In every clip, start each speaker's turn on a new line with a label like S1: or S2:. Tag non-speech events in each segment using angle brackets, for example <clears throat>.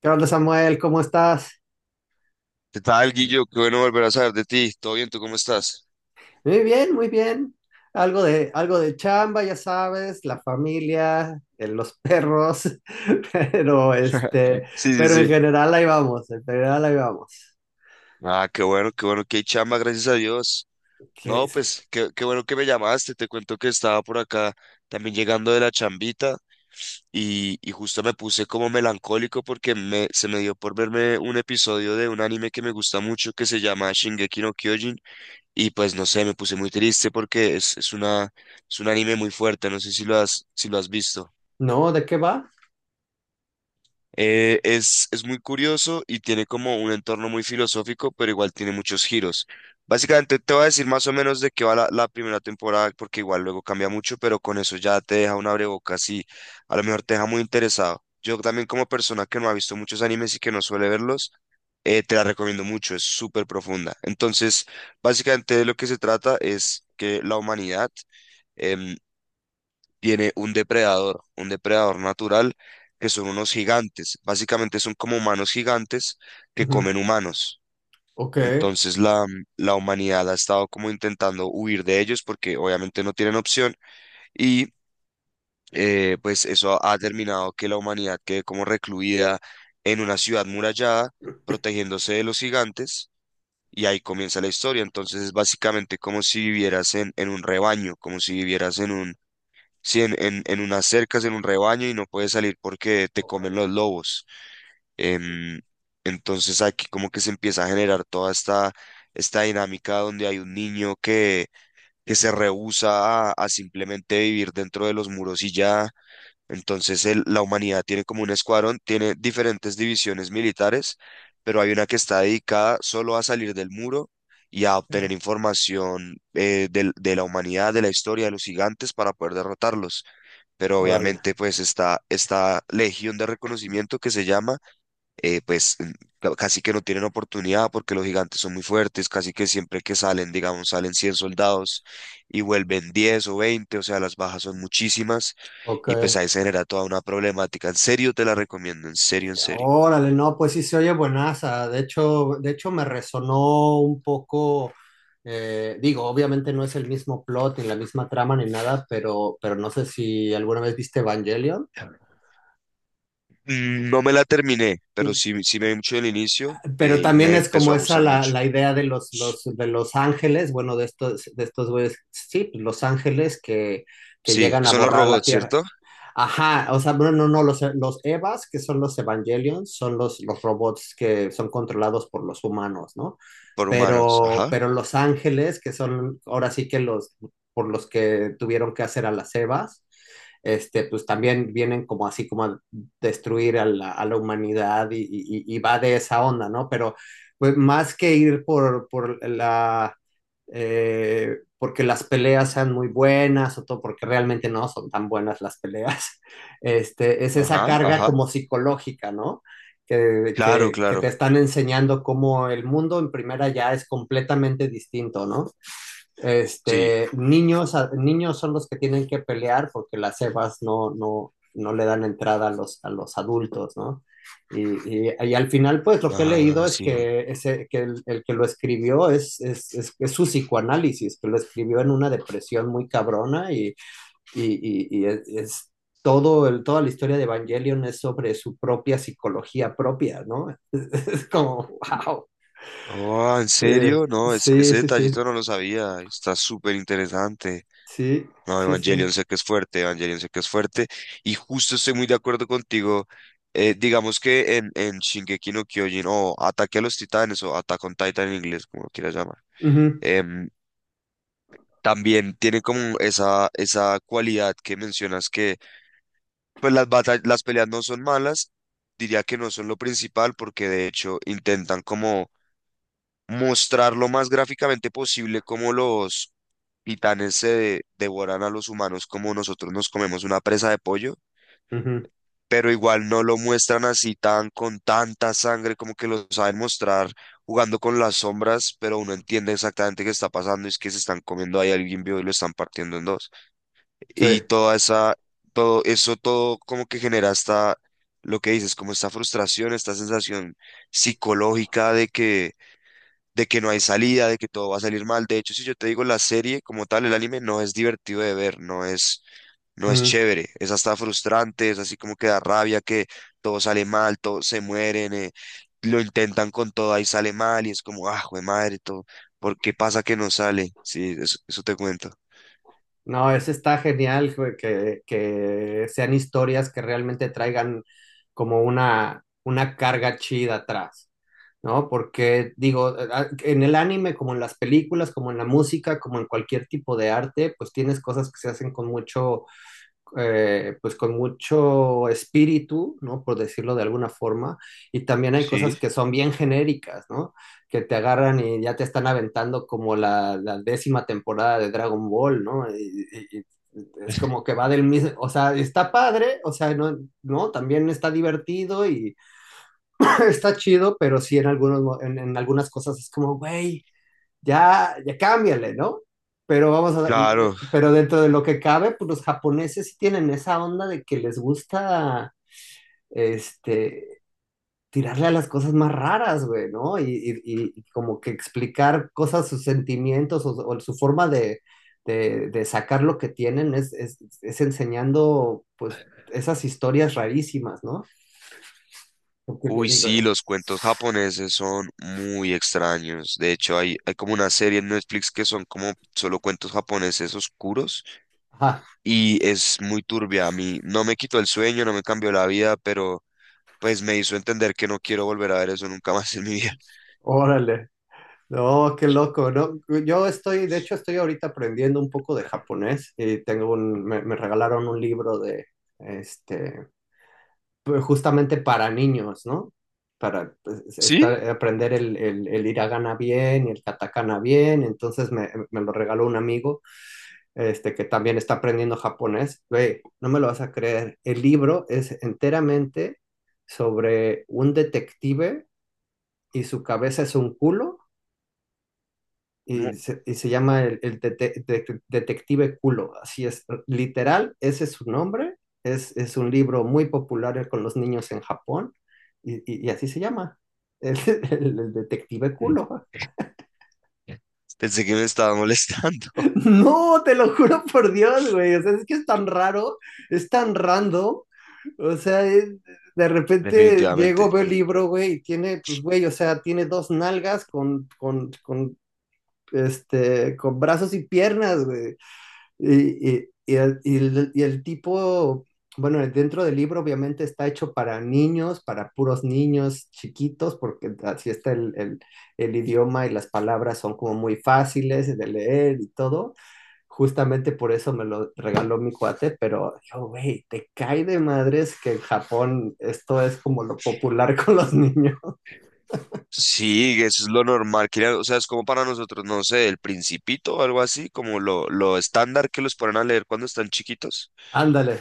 S1: ¿Qué onda, Samuel? ¿Cómo estás?
S2: ¿Qué tal, Guillo? Qué bueno volver a saber de ti. ¿Todo bien? ¿Tú cómo estás?
S1: Muy bien, muy bien. Algo de chamba, ya sabes, la familia, los perros, <laughs> pero este,
S2: Sí, sí,
S1: pero en
S2: sí.
S1: general ahí vamos, en general ahí vamos.
S2: Ah, qué bueno, qué bueno, qué chamba, gracias a Dios.
S1: ¿Qué
S2: No,
S1: es?
S2: pues, qué bueno que me llamaste. Te cuento que estaba por acá también llegando de la chambita y justo me puse como melancólico porque se me dio por verme un episodio de un anime que me gusta mucho que se llama Shingeki no Kyojin y pues no sé, me puse muy triste porque es un anime muy fuerte. No sé si lo si lo has visto.
S1: ¿No? ¿De qué va?
S2: Es muy curioso y tiene como un entorno muy filosófico, pero igual tiene muchos giros. Básicamente te voy a decir más o menos de qué va la primera temporada, porque igual luego cambia mucho, pero con eso ya te deja un abrebocas y a lo mejor te deja muy interesado. Yo también como persona que no ha visto muchos animes y que no suele verlos, te la recomiendo mucho, es súper profunda. Entonces, básicamente de lo que se trata es que la humanidad em, tiene un depredador natural, que son unos gigantes. Básicamente son como humanos gigantes que
S1: Ujú.
S2: comen humanos.
S1: Ok.
S2: Entonces la humanidad ha estado como intentando huir de ellos porque obviamente no tienen opción y pues eso ha terminado que la humanidad quede como recluida en una ciudad murallada protegiéndose de los gigantes y ahí comienza la historia. Entonces es básicamente como si vivieras en un rebaño, como si vivieras en un sí, en unas cercas, en un rebaño y no puedes salir porque te comen
S1: Órale.
S2: los lobos. Em, entonces aquí como que se empieza a generar toda esta dinámica donde hay un niño que se rehúsa a simplemente vivir dentro de los muros y ya. Entonces la humanidad tiene como un escuadrón, tiene diferentes divisiones militares, pero hay una que está dedicada solo a salir del muro y a obtener información, de la humanidad, de la historia, de los gigantes para poder derrotarlos, pero
S1: Órale.
S2: obviamente pues esta legión de reconocimiento que se llama, eh, pues mm, casi que no tienen oportunidad porque los gigantes son muy fuertes, casi que siempre que salen, digamos, salen 100 soldados y vuelven 10 o veinte, o sea, las bajas son muchísimas
S1: Ok.
S2: y pues ahí se genera toda una problemática. En serio te la recomiendo, en serio, en serio.
S1: Órale, no, pues sí se oye buenaza. De hecho me resonó un poco, digo, obviamente no es el mismo plot ni la misma trama ni nada, pero no sé si alguna vez viste Evangelion.
S2: Mm, no me la terminé, pero sí, sí me vi mucho del inicio,
S1: Pero
S2: y
S1: también
S2: me
S1: es
S2: empezó
S1: como
S2: a
S1: esa
S2: gustar
S1: la,
S2: mucho.
S1: la idea de de los ángeles, bueno, de estos güeyes, sí, los ángeles que
S2: Sí,
S1: llegan
S2: que
S1: a
S2: son los
S1: borrar la
S2: robots,
S1: tierra.
S2: ¿cierto?
S1: Ajá, o sea, bueno, no, no, los Evas, que son los Evangelions, son los robots que son controlados por los humanos, ¿no?
S2: Por humanos, ajá,
S1: Pero los ángeles, que son ahora sí que los, por los que tuvieron que hacer a las Evas, este, pues también vienen como así como a destruir a la humanidad y, y va de esa onda, ¿no? Pero pues más que ir por la porque las peleas sean muy buenas o todo, porque realmente no son tan buenas las peleas. <laughs> Este, es esa
S2: ajá,
S1: carga
S2: ajá.
S1: como psicológica, ¿no? Que,
S2: Claro,
S1: que, que te
S2: claro.
S1: están enseñando cómo el mundo en primera ya es completamente distinto, ¿no?
S2: Sí.
S1: Este, niños, a- niños son los que tienen que pelear porque las cebas no le dan entrada a los adultos, ¿no? Y, y, al final, pues lo que he
S2: Ah,
S1: leído es
S2: sí.
S1: que, ese, que que lo escribió es, su psicoanálisis, que lo escribió en una depresión muy cabrona y, y es todo toda la historia de Evangelion es sobre su propia psicología propia, ¿no? <laughs> Es, como, wow.
S2: Oh, ¿en
S1: Sí,
S2: serio? No,
S1: sí,
S2: ese
S1: sí, sí,
S2: detallito no lo sabía. Está súper interesante.
S1: sí,
S2: No,
S1: sí, sí.
S2: Evangelion sé que es fuerte, Evangelion sé que es fuerte. Y justo estoy muy de acuerdo contigo. Digamos que en Shingeki no Kyojin o Ataque a los Titanes o Attack on Titan en inglés, como lo quieras llamar.
S1: Uh -huh.
S2: em, También tiene como esa cualidad que mencionas que pues las batallas, las peleas no son malas. Diría que no son lo principal porque de hecho intentan como mostrar lo más gráficamente posible cómo los titanes se devoran a los humanos como nosotros nos comemos una presa de pollo,
S1: Ujú.
S2: pero igual no lo muestran así tan con tanta sangre, como que lo saben mostrar jugando con las sombras, pero uno entiende exactamente qué está pasando, es que se están comiendo ahí a alguien vivo y lo están partiendo en dos.
S1: Sí.
S2: Y toda esa, todo eso todo como que genera hasta lo que dices, como esta frustración, esta sensación psicológica de que no hay salida, de que todo va a salir mal. De hecho, si yo te digo la serie como tal, el anime no es divertido de ver, no no es
S1: Mm.
S2: chévere, es hasta frustrante, es así como que da rabia, que todo sale mal, todos se mueren, lo intentan con todo y sale mal y es como, ah, jue madre, todo. ¿Por qué pasa que no sale? Sí, eso te cuento.
S1: No, ese está genial, güey, que sean historias que realmente traigan como una carga chida atrás, ¿no? Porque digo, a- en el anime, como en las películas, como en la música, como en cualquier tipo de arte, pues tienes cosas que se hacen con mucho pues con mucho espíritu, ¿no? Por decirlo de alguna forma, y también hay cosas
S2: Sí.
S1: que son bien genéricas, ¿no? Que te agarran y ya te están aventando como la décima temporada de Dragon Ball, ¿no? Y, y es como que va del mismo, o sea, está padre, o sea, no, no, también está divertido y <laughs> <clears throat> está chido, pero sí en algunos, mo- en algunas cosas es como, güey ya, ya cámbiale, ¿no? Pero vamos a,
S2: Claro,
S1: pero dentro de lo que cabe, pues los japoneses sí tienen esa onda de que les gusta, este, tirarle a las cosas más raras, güey, ¿no? Y, y como que explicar cosas, sus sentimientos o su forma de, de sacar lo que tienen es, es enseñando, pues, esas historias rarísimas, ¿no? Porque te
S2: uy,
S1: digo,
S2: sí, los cuentos japoneses son muy extraños. De hecho, hay como una serie en Netflix que son como solo cuentos japoneses oscuros
S1: ajá,
S2: y es muy turbia. A mí no me quitó el sueño, no me cambió la vida, pero pues me hizo entender que no quiero volver a ver eso nunca más en mi vida. <laughs>
S1: órale. No, qué loco, ¿no? Yo estoy, de hecho, estoy ahorita aprendiendo un poco de japonés y tengo un, me regalaron un libro de, este, justamente para niños, ¿no? Para pues,
S2: ¿Sí?
S1: estar, aprender el hiragana bien y el katakana bien. Entonces me lo regaló un amigo, este, que también está aprendiendo japonés. Güey, no me lo vas a creer. El libro es enteramente sobre un detective y su cabeza es un culo
S2: ¿Cómo?
S1: y se llama el Detective Culo, así es, literal, ese es su nombre, es un libro muy popular con los niños en Japón, y, y así se llama, <laughs> el, el Detective Culo. <laughs>
S2: Pensé que me estaba molestando.
S1: No, te lo juro por Dios, güey, o sea, es que es tan raro, es tan random, o sea, es- de
S2: <laughs>
S1: repente llego,
S2: Definitivamente.
S1: veo el libro, güey, y tiene, pues, güey, o sea, tiene dos nalgas con, este, con brazos y piernas, güey. Y, y el tipo, bueno, dentro del libro obviamente está hecho para niños, para puros niños chiquitos, porque así está el idioma y las palabras son como muy fáciles de leer y todo. Justamente por eso me lo regaló mi cuate, pero yo, güey, te cae de madres que en Japón esto es como lo popular <laughs> con los niños.
S2: Sí, eso es lo normal. O sea, es como para nosotros, no sé, el Principito o algo así, como lo estándar que los ponen a leer cuando están chiquitos.
S1: Ándale.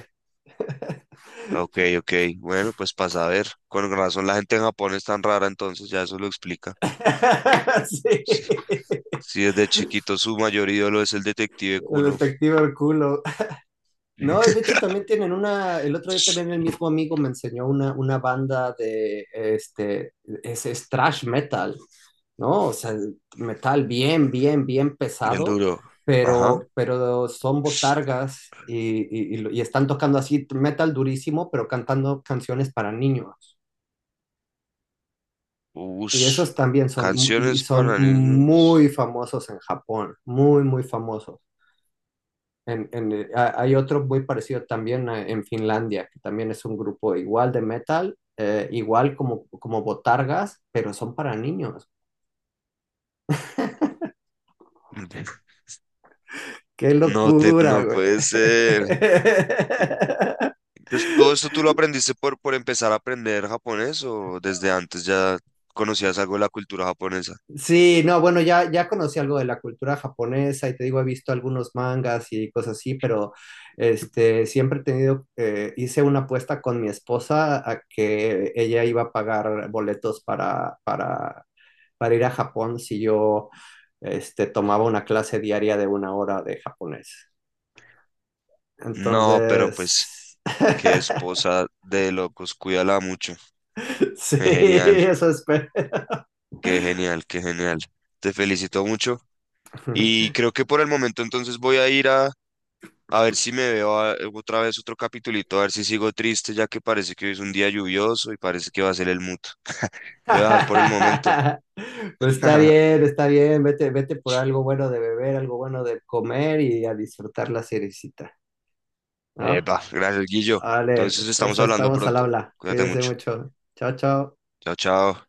S2: Ok, ok. Bueno, pues pasa a ver. Con razón la gente en Japón es tan rara, entonces ya eso lo explica.
S1: <laughs> Sí,
S2: Sí, sí desde chiquito su mayor ídolo es el detective
S1: el
S2: culo.
S1: detective culo. No, y de hecho también tienen una, el otro día también el mismo amigo me enseñó una banda de, este, es thrash metal, ¿no? O sea, metal bien, bien, bien
S2: Bien
S1: pesado,
S2: duro. Ajá.
S1: pero son botargas y están tocando así metal durísimo, pero cantando canciones para niños. Y
S2: Ush.
S1: esos también son, y
S2: Canciones
S1: son
S2: para
S1: muy
S2: niños.
S1: famosos en Japón, muy, muy famosos. En- hay otro muy parecido también en Finlandia, que también es un grupo igual de metal, igual como, como Botargas, pero son para niños.
S2: Mm,
S1: ¡Qué
S2: No te,
S1: locura,
S2: no
S1: güey!
S2: puede ser. Y-
S1: <laughs>
S2: entonces, ¿todo esto tú lo aprendiste por empezar a aprender japonés o desde antes ya conocías algo de la cultura japonesa?
S1: Sí, no, bueno, ya, ya conocí algo de la cultura japonesa y te digo, he visto algunos mangas y cosas así, pero este, siempre he tenido, hice una apuesta con mi esposa a que ella iba a pagar boletos para, para ir a Japón si yo este, tomaba una clase diaria de una hora de japonés.
S2: No, pero pues,
S1: Entonces,
S2: qué
S1: <laughs>
S2: esposa de locos, cuídala mucho.
S1: sí,
S2: Qué genial,
S1: eso espero.
S2: qué genial, qué genial. Te felicito mucho. Y creo que por el momento entonces voy a ir a ver si me veo otra vez otro capitulito, a ver si sigo triste, ya que parece que hoy es un día lluvioso y parece que va a ser el mood. Te voy a dejar por el momento.
S1: <laughs> Pues
S2: <laughs>
S1: está bien, vete, vete por algo bueno de beber, algo bueno de comer y a disfrutar la seriecita, ¿no?
S2: Epa, gracias, Guillo.
S1: Vale,
S2: Entonces
S1: entonces
S2: estamos
S1: ahí
S2: hablando
S1: estamos al
S2: pronto.
S1: habla.
S2: Cuídate
S1: Cuídese
S2: mucho.
S1: mucho. Chao, chao.
S2: Chao, chao.